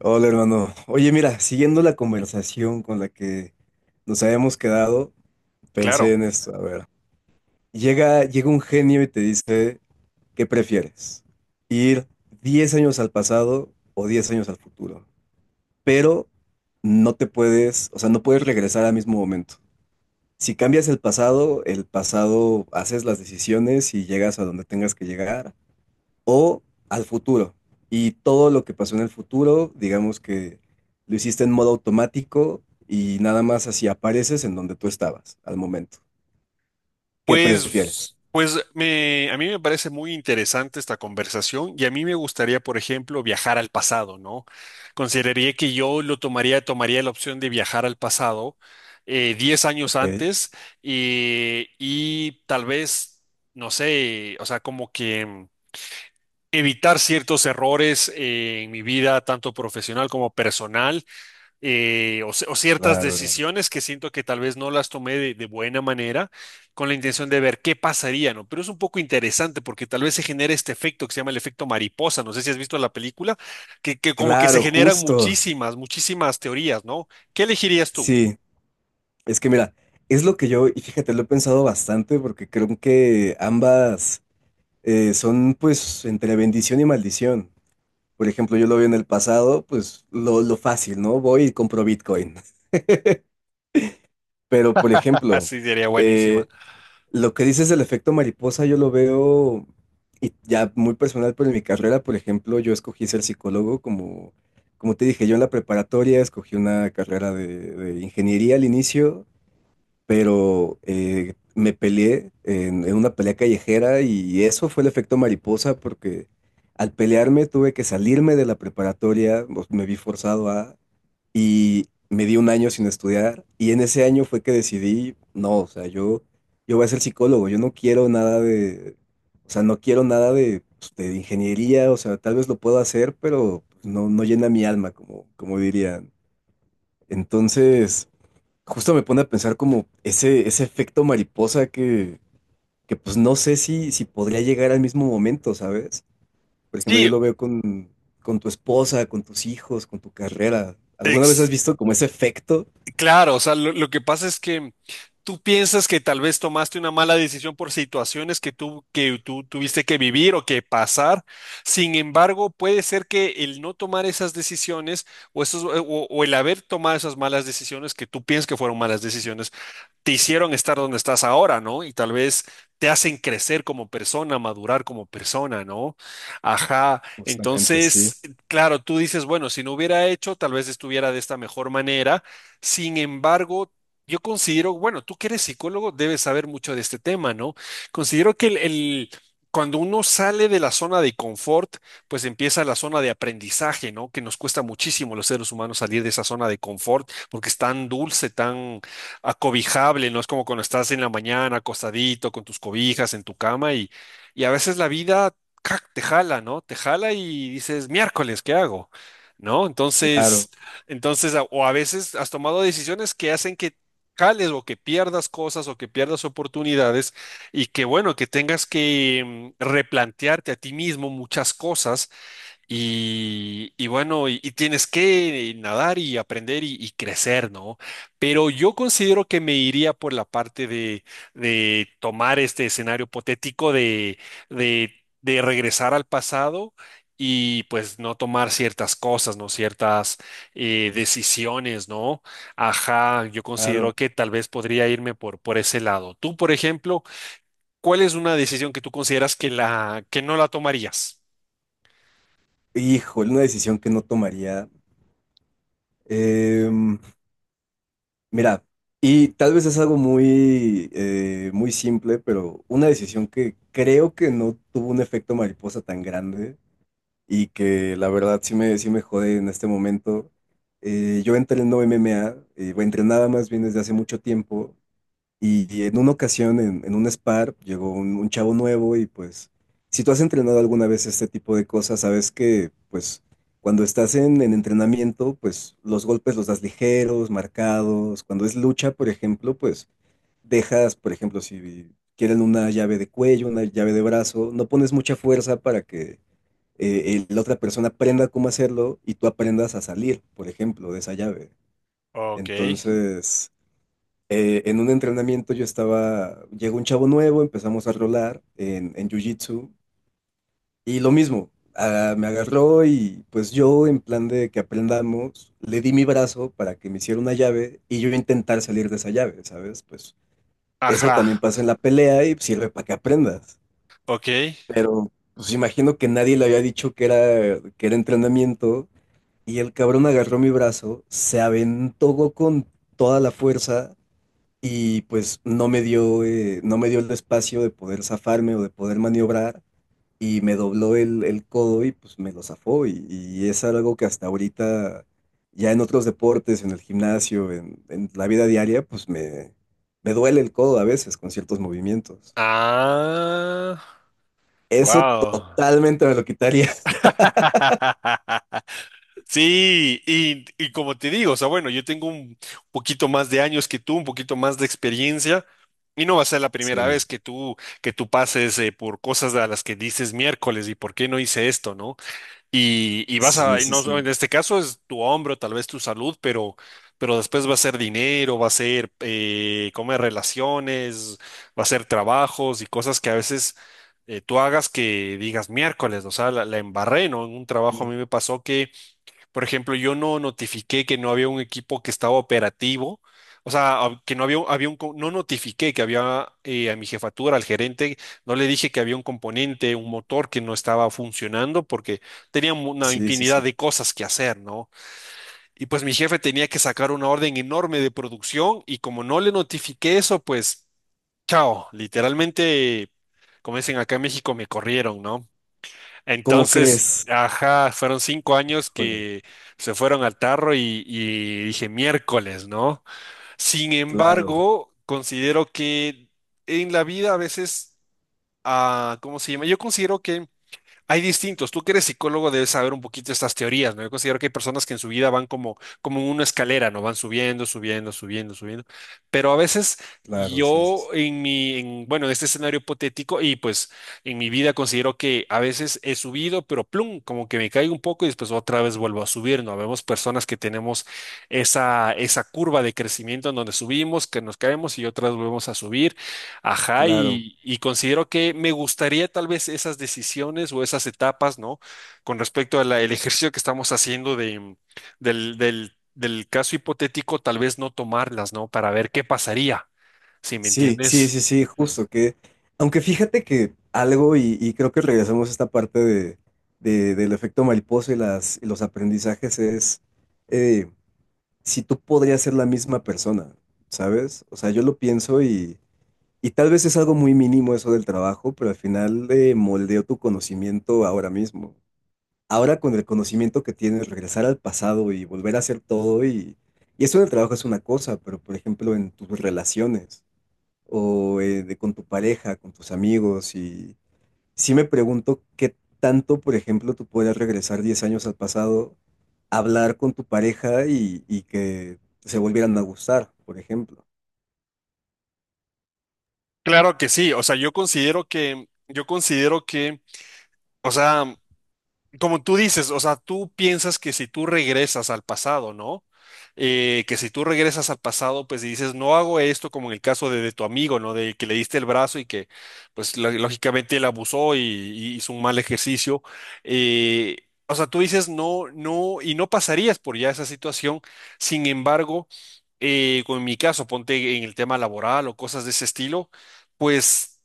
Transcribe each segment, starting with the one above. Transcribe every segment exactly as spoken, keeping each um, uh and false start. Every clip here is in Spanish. Hola, hermano. Oye, mira, siguiendo la conversación con la que nos habíamos quedado, pensé Claro, en esto. A ver, llega, llega un genio y te dice, ¿qué prefieres? ¿Ir diez años al pasado o diez años al futuro? Pero no te puedes, o sea, no puedes regresar al mismo momento. Si cambias el pasado, el pasado haces las decisiones y llegas a donde tengas que llegar o al futuro. Y todo lo que pasó en el futuro, digamos que lo hiciste en modo automático y nada más así apareces en donde tú estabas al momento. ¿Qué prefieres? pues, pues me, a mí me parece muy interesante esta conversación y a mí me gustaría, por ejemplo, viajar al pasado, ¿no? Consideraría que yo lo tomaría, tomaría la opción de viajar al pasado eh, diez años Ok, antes eh, y tal vez, no sé, o sea, como que mm, evitar ciertos errores eh, en mi vida, tanto profesional como personal, eh, o, o ciertas claro, hermano. decisiones que siento que tal vez no las tomé de, de buena manera con la intención de ver qué pasaría, ¿no? Pero es un poco interesante porque tal vez se genera este efecto que se llama el efecto mariposa, no sé si has visto la película, que, que como que se Claro, generan justo. muchísimas, muchísimas teorías, ¿no? ¿Qué elegirías tú? Sí, es que mira, es lo que yo, y fíjate, lo he pensado bastante porque creo que ambas eh, son pues entre bendición y maldición. Por ejemplo, yo lo vi en el pasado, pues lo, lo fácil, ¿no? Voy y compro Bitcoin. Pero, por ejemplo, Así sería buenísima. eh, Lo que dices del efecto mariposa, yo lo veo y ya muy personal, pero en mi carrera, por ejemplo, yo escogí ser psicólogo como, como te dije, yo en la preparatoria escogí una carrera de, de ingeniería al inicio, pero eh, me peleé en, en una pelea callejera y eso fue el efecto mariposa porque al pelearme tuve que salirme de la preparatoria, o- me vi forzado a y me di un año sin estudiar y en ese año fue que decidí, no, o sea, yo, yo voy a ser psicólogo, yo no quiero nada de, o sea, no quiero nada de, pues, de ingeniería, o sea, tal vez lo puedo hacer, pero pues, no, no llena mi alma, como, como dirían. Entonces, justo me pone a pensar como ese, ese efecto mariposa que, que pues no sé si, si podría llegar al mismo momento, ¿sabes? Por ejemplo, yo Sí, lo veo con, con tu esposa, con tus hijos, con tu carrera. ¿Alguna vez has ex- visto como ese efecto? Claro, o sea, lo, lo que pasa es que tú piensas que tal vez tomaste una mala decisión por situaciones que tú, que tú tuviste que vivir o que pasar. Sin embargo, puede ser que el no tomar esas decisiones o, esos, o, o el haber tomado esas malas decisiones que tú piensas que fueron malas decisiones te hicieron estar donde estás ahora, ¿no? Y tal vez te hacen crecer como persona, madurar como persona, ¿no? Ajá. Justamente, sí, Entonces, claro, tú dices, bueno, si no hubiera hecho, tal vez estuviera de esta mejor manera. Sin embargo, yo considero, bueno, tú que eres psicólogo, debes saber mucho de este tema, ¿no? Considero que el, el- cuando uno sale de la zona de confort, pues empieza la zona de aprendizaje, ¿no? Que nos cuesta muchísimo los seres humanos salir de esa zona de confort porque es tan dulce, tan acobijable, no es como cuando estás en la mañana acostadito con tus cobijas en tu cama y, y a veces la vida ¡cac! Te jala, ¿no? Te jala y dices, miércoles, ¿qué hago? ¿No? claro, Entonces, entonces, a- o a veces has tomado decisiones que hacen que jales o que pierdas cosas o que pierdas oportunidades y que bueno, que tengas que mm, replantearte a ti mismo muchas cosas y, y bueno, y, y tienes que nadar y aprender y, y crecer, ¿no? Pero yo considero que me iría por la parte de, de tomar este escenario hipotético de, de, de regresar al pasado y pues no tomar ciertas cosas, ¿no? Ciertas eh, decisiones, ¿no? Ajá, yo considero claro. que tal vez podría irme por, por ese lado. Tú, por ejemplo, ¿cuál es una decisión que tú consideras que la, que no la tomarías? Híjole, una decisión que no tomaría. Em, Mira, y tal vez es algo muy, eh, muy simple, pero una decisión que creo que no tuvo un efecto mariposa tan grande y que la verdad sí me, sí me jode en este momento. Eh, yo entreno M M A, eh, bueno, entrenaba más bien desde hace mucho tiempo. Y, y en una ocasión, en, en un spar, llegó un, un chavo nuevo y pues, si tú has entrenado alguna vez este tipo de cosas, sabes que pues cuando estás en, en entrenamiento, pues los golpes los das ligeros, marcados. Cuando es lucha, por ejemplo, pues dejas, por ejemplo, si quieren una llave de cuello, una llave de brazo, no pones mucha fuerza para que eh, el- la otra persona aprenda cómo hacerlo y tú aprendas a salir, por ejemplo, de esa llave. Ok. Entonces eh, en un entrenamiento yo estaba, llegó un chavo nuevo, empezamos a rolar en, en Jiu-Jitsu y lo mismo, ah, me agarró y pues yo en plan de que aprendamos, le di mi brazo para que me hiciera una llave y yo intentar salir de esa llave, ¿sabes? Pues eso Ajá. también pasa en la pelea y sirve para que aprendas. Ok. Pero pues imagino que nadie le había dicho que era, que era entrenamiento y el cabrón agarró mi brazo, se aventó con toda la fuerza y pues no me dio, eh, no me dio el espacio de poder zafarme o de poder maniobrar y me dobló el, el codo y pues me lo zafó y, y es algo que hasta ahorita ya en otros deportes, en el gimnasio, en, en la vida diaria, pues me, me duele el codo a veces con ciertos movimientos. Ah, Eso wow. totalmente me lo quitaría. Sí, y, y como te digo, o sea, bueno, yo tengo un poquito más de años que tú, un poquito más de experiencia, y no va a ser la primera Sí, vez que tú, que tú pases eh, por cosas a las que dices miércoles, ¿y por qué no hice esto, no? Y, y vas sí, a, y sí, no, en sí, este caso es tu hombro, tal vez tu salud, pero, pero después va a ser dinero, va a ser eh, comer relaciones, va a ser trabajos y cosas que a veces eh, tú hagas que digas miércoles, o sea, la, la embarré, ¿no? En un trabajo a sí, mí me pasó que por ejemplo, yo no notifiqué que no había un equipo que estaba operativo, o sea, a- que no había, había un, co- no notifiqué que había eh, a mi jefatura, al gerente, no le dije que había un componente, un motor que no estaba funcionando porque tenía mu- una sí, sí, infinidad sí. de cosas que hacer, ¿no? Y pues mi jefe tenía que sacar una orden enorme de producción y como no le notifiqué eso, pues, chao, literalmente, como dicen acá en México, me corrieron, ¿no? ¿Cómo Entonces, crees? ajá, fueron cinco años Híjole, que se fueron al tarro y, y dije miércoles, ¿no? Sin claro, embargo, considero que en la vida a veces, ah, ¿cómo se llama? Yo considero que hay distintos. Tú que eres psicólogo debes saber un poquito estas teorías, ¿no? Yo considero que hay personas que en su vida van como, como en una escalera, ¿no? Van subiendo, subiendo, subiendo, subiendo. Pero a veces claro, sí, sí, yo sí, en mi, en, bueno, en este escenario hipotético y pues en mi vida considero que a veces he subido, pero plum, como que me caigo un poco y después otra vez vuelvo a subir, ¿no? Vemos personas que tenemos esa, esa curva de crecimiento en donde subimos, que nos caemos y otras volvemos a subir. Ajá, claro. y, y considero que me gustaría tal vez esas decisiones o esas etapas, ¿no? Con respecto al ejercicio que estamos haciendo de, del, del, del caso hipotético, tal vez no tomarlas, ¿no? Para ver qué pasaría, si me Sí, sí, sí, entiendes. sí, justo que, aunque fíjate que algo, y, y creo que regresamos a esta parte de, de- del efecto mariposa y las, y los aprendizajes, es eh, si tú podrías ser la misma persona, ¿sabes? O sea, yo lo pienso y, y tal vez es algo muy mínimo eso del trabajo, pero al final eh, moldeó tu conocimiento ahora mismo. Ahora con el conocimiento que tienes, regresar al pasado y volver a hacer todo y, y eso del trabajo es una cosa, pero por ejemplo en tus relaciones o eh, de con tu pareja, con tus amigos. Y sí me pregunto qué tanto, por ejemplo, tú puedes regresar diez años al pasado, hablar con tu pareja y, y que se volvieran a gustar, por ejemplo. Claro que sí, o sea, yo considero que, yo considero que, o sea, como tú dices, o sea, tú piensas que si tú regresas al pasado, ¿no? Eh, que si tú regresas al pasado, pues y dices, no hago esto como en el caso de, de tu amigo, ¿no? De que le diste el brazo y que, pues lo- lógicamente él abusó y, y hizo un mal ejercicio. Eh, o sea, tú dices, no, no, y no pasarías por ya esa situación. Sin embargo, eh, con mi caso, ponte en el tema laboral o cosas de ese estilo, pues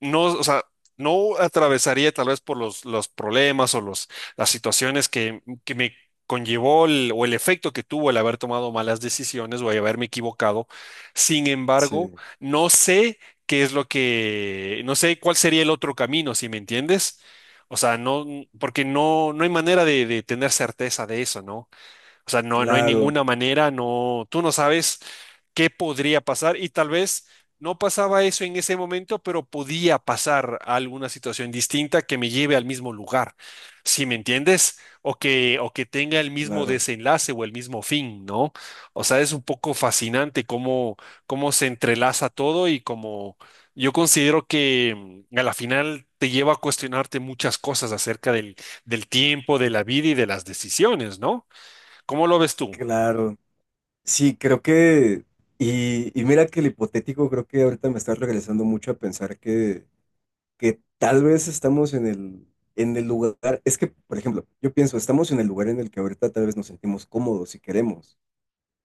no, o sea, no atravesaría tal vez por los, los problemas o los las situaciones que, que me conllevó el- o el efecto que tuvo el haber tomado malas decisiones o el haberme equivocado. Sin embargo, Sí, no sé qué es lo que, no sé cuál sería el otro camino, si me entiendes. O sea, no, porque no, no hay manera de, de tener certeza de eso, ¿no? O sea, no, no hay claro, ninguna manera, no, tú no sabes qué podría pasar y tal vez no pasaba eso en ese momento, pero podía pasar a alguna situación distinta que me lleve al mismo lugar, si me entiendes, o que, o que tenga el mismo claro, desenlace o el mismo fin, ¿no? O sea, es un poco fascinante cómo, cómo se entrelaza todo y cómo yo considero que mm, a la final te lleva a cuestionarte muchas cosas acerca del, del tiempo, de la vida y de las decisiones, ¿no? ¿Cómo lo ves tú? claro. Sí, creo que, y, y mira que el hipotético, creo que ahorita me está regresando mucho a pensar que que tal vez estamos en el, en el lugar, es que, por ejemplo, yo pienso, estamos en el lugar en el que ahorita tal vez nos sentimos cómodos y queremos.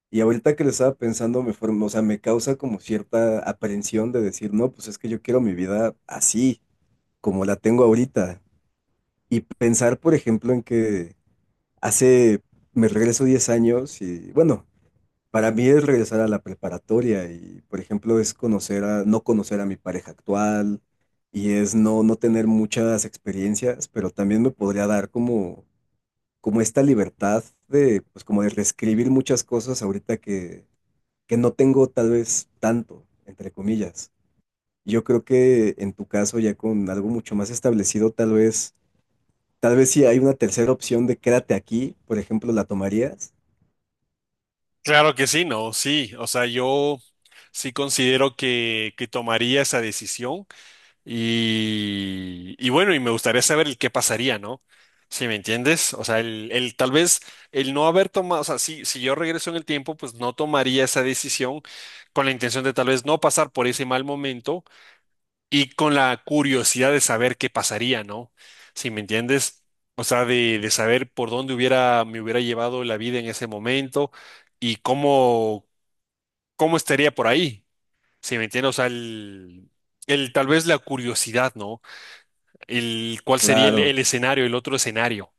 Y ahorita que lo estaba pensando, me form- o sea, me causa como cierta aprehensión de decir, no, pues es que yo quiero mi vida así, como la tengo ahorita. Y pensar, por ejemplo, en que hace, me regreso diez años y, bueno, para mí es regresar a la preparatoria y, por ejemplo, es conocer a, no conocer a mi pareja actual y es no, no tener muchas experiencias, pero también me podría dar como, como esta libertad de, pues como de reescribir muchas cosas ahorita que, que no tengo tal vez tanto, entre comillas. Yo creo que en tu caso, ya con algo mucho más establecido, tal vez, tal vez si hay una tercera opción de quédate aquí, por ejemplo, ¿la tomarías? Claro que sí, no, sí. O sea, yo sí considero que, que tomaría esa decisión y, y bueno, y me gustaría saber el qué pasaría, ¿no? Si me entiendes. O sea, el, el tal vez el no haber tomado, o sea, si, si yo regreso en el tiempo, pues no tomaría esa decisión con la intención de tal vez no pasar por ese mal momento y con la curiosidad de saber qué pasaría, ¿no? Si me entiendes, o sea, de, de saber por dónde hubiera, me hubiera llevado la vida en ese momento y cómo, cómo estaría por ahí, si me entiendes, o sea, el, el- tal vez la curiosidad, ¿no? El cuál sería el, Claro. el escenario, el otro escenario.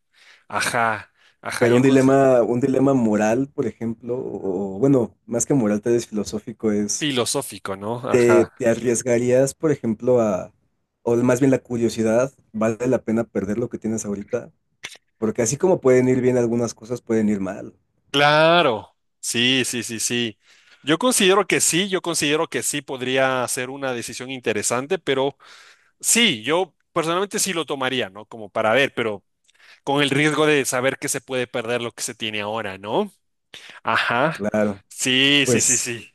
Ajá, ajá, Pero un yo con, dilema, un dilema moral, por ejemplo, o bueno, más que moral, tal vez filosófico, es, filosófico, ¿no? ¿te, Ajá. te arriesgarías, por ejemplo, a, o más bien la curiosidad, ¿vale la pena perder lo que tienes ahorita? Porque así como pueden ir bien algunas cosas, pueden ir mal. Claro, sí, sí, sí, sí. Yo considero que sí, yo considero que sí podría ser una decisión interesante, pero sí, yo personalmente sí lo tomaría, ¿no? Como para ver, pero con el riesgo de saber que se puede perder lo que se tiene ahora, ¿no? Ajá. Claro. Sí, sí, sí, Pues, sí.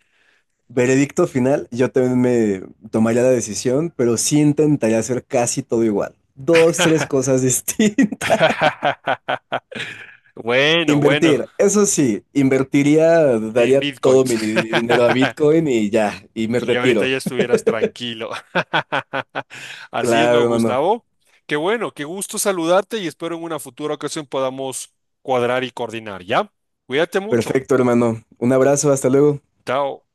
veredicto final, yo también me tomaría la decisión, pero sí intentaría hacer casi todo igual. Dos, tres cosas distintas. Bueno, bueno, Invertir, eso sí, invertiría, en daría todo bitcoins. mi di- dinero a Bitcoin y ya, y me Y ahorita retiro. ya estuvieras tranquilo. Así es, Claro, ¿no, hermano. Gustavo? Qué bueno, qué gusto saludarte y espero en una futura ocasión podamos cuadrar y coordinar, ¿ya? Cuídate mucho. Perfecto, hermano. Un abrazo, hasta luego. Chao.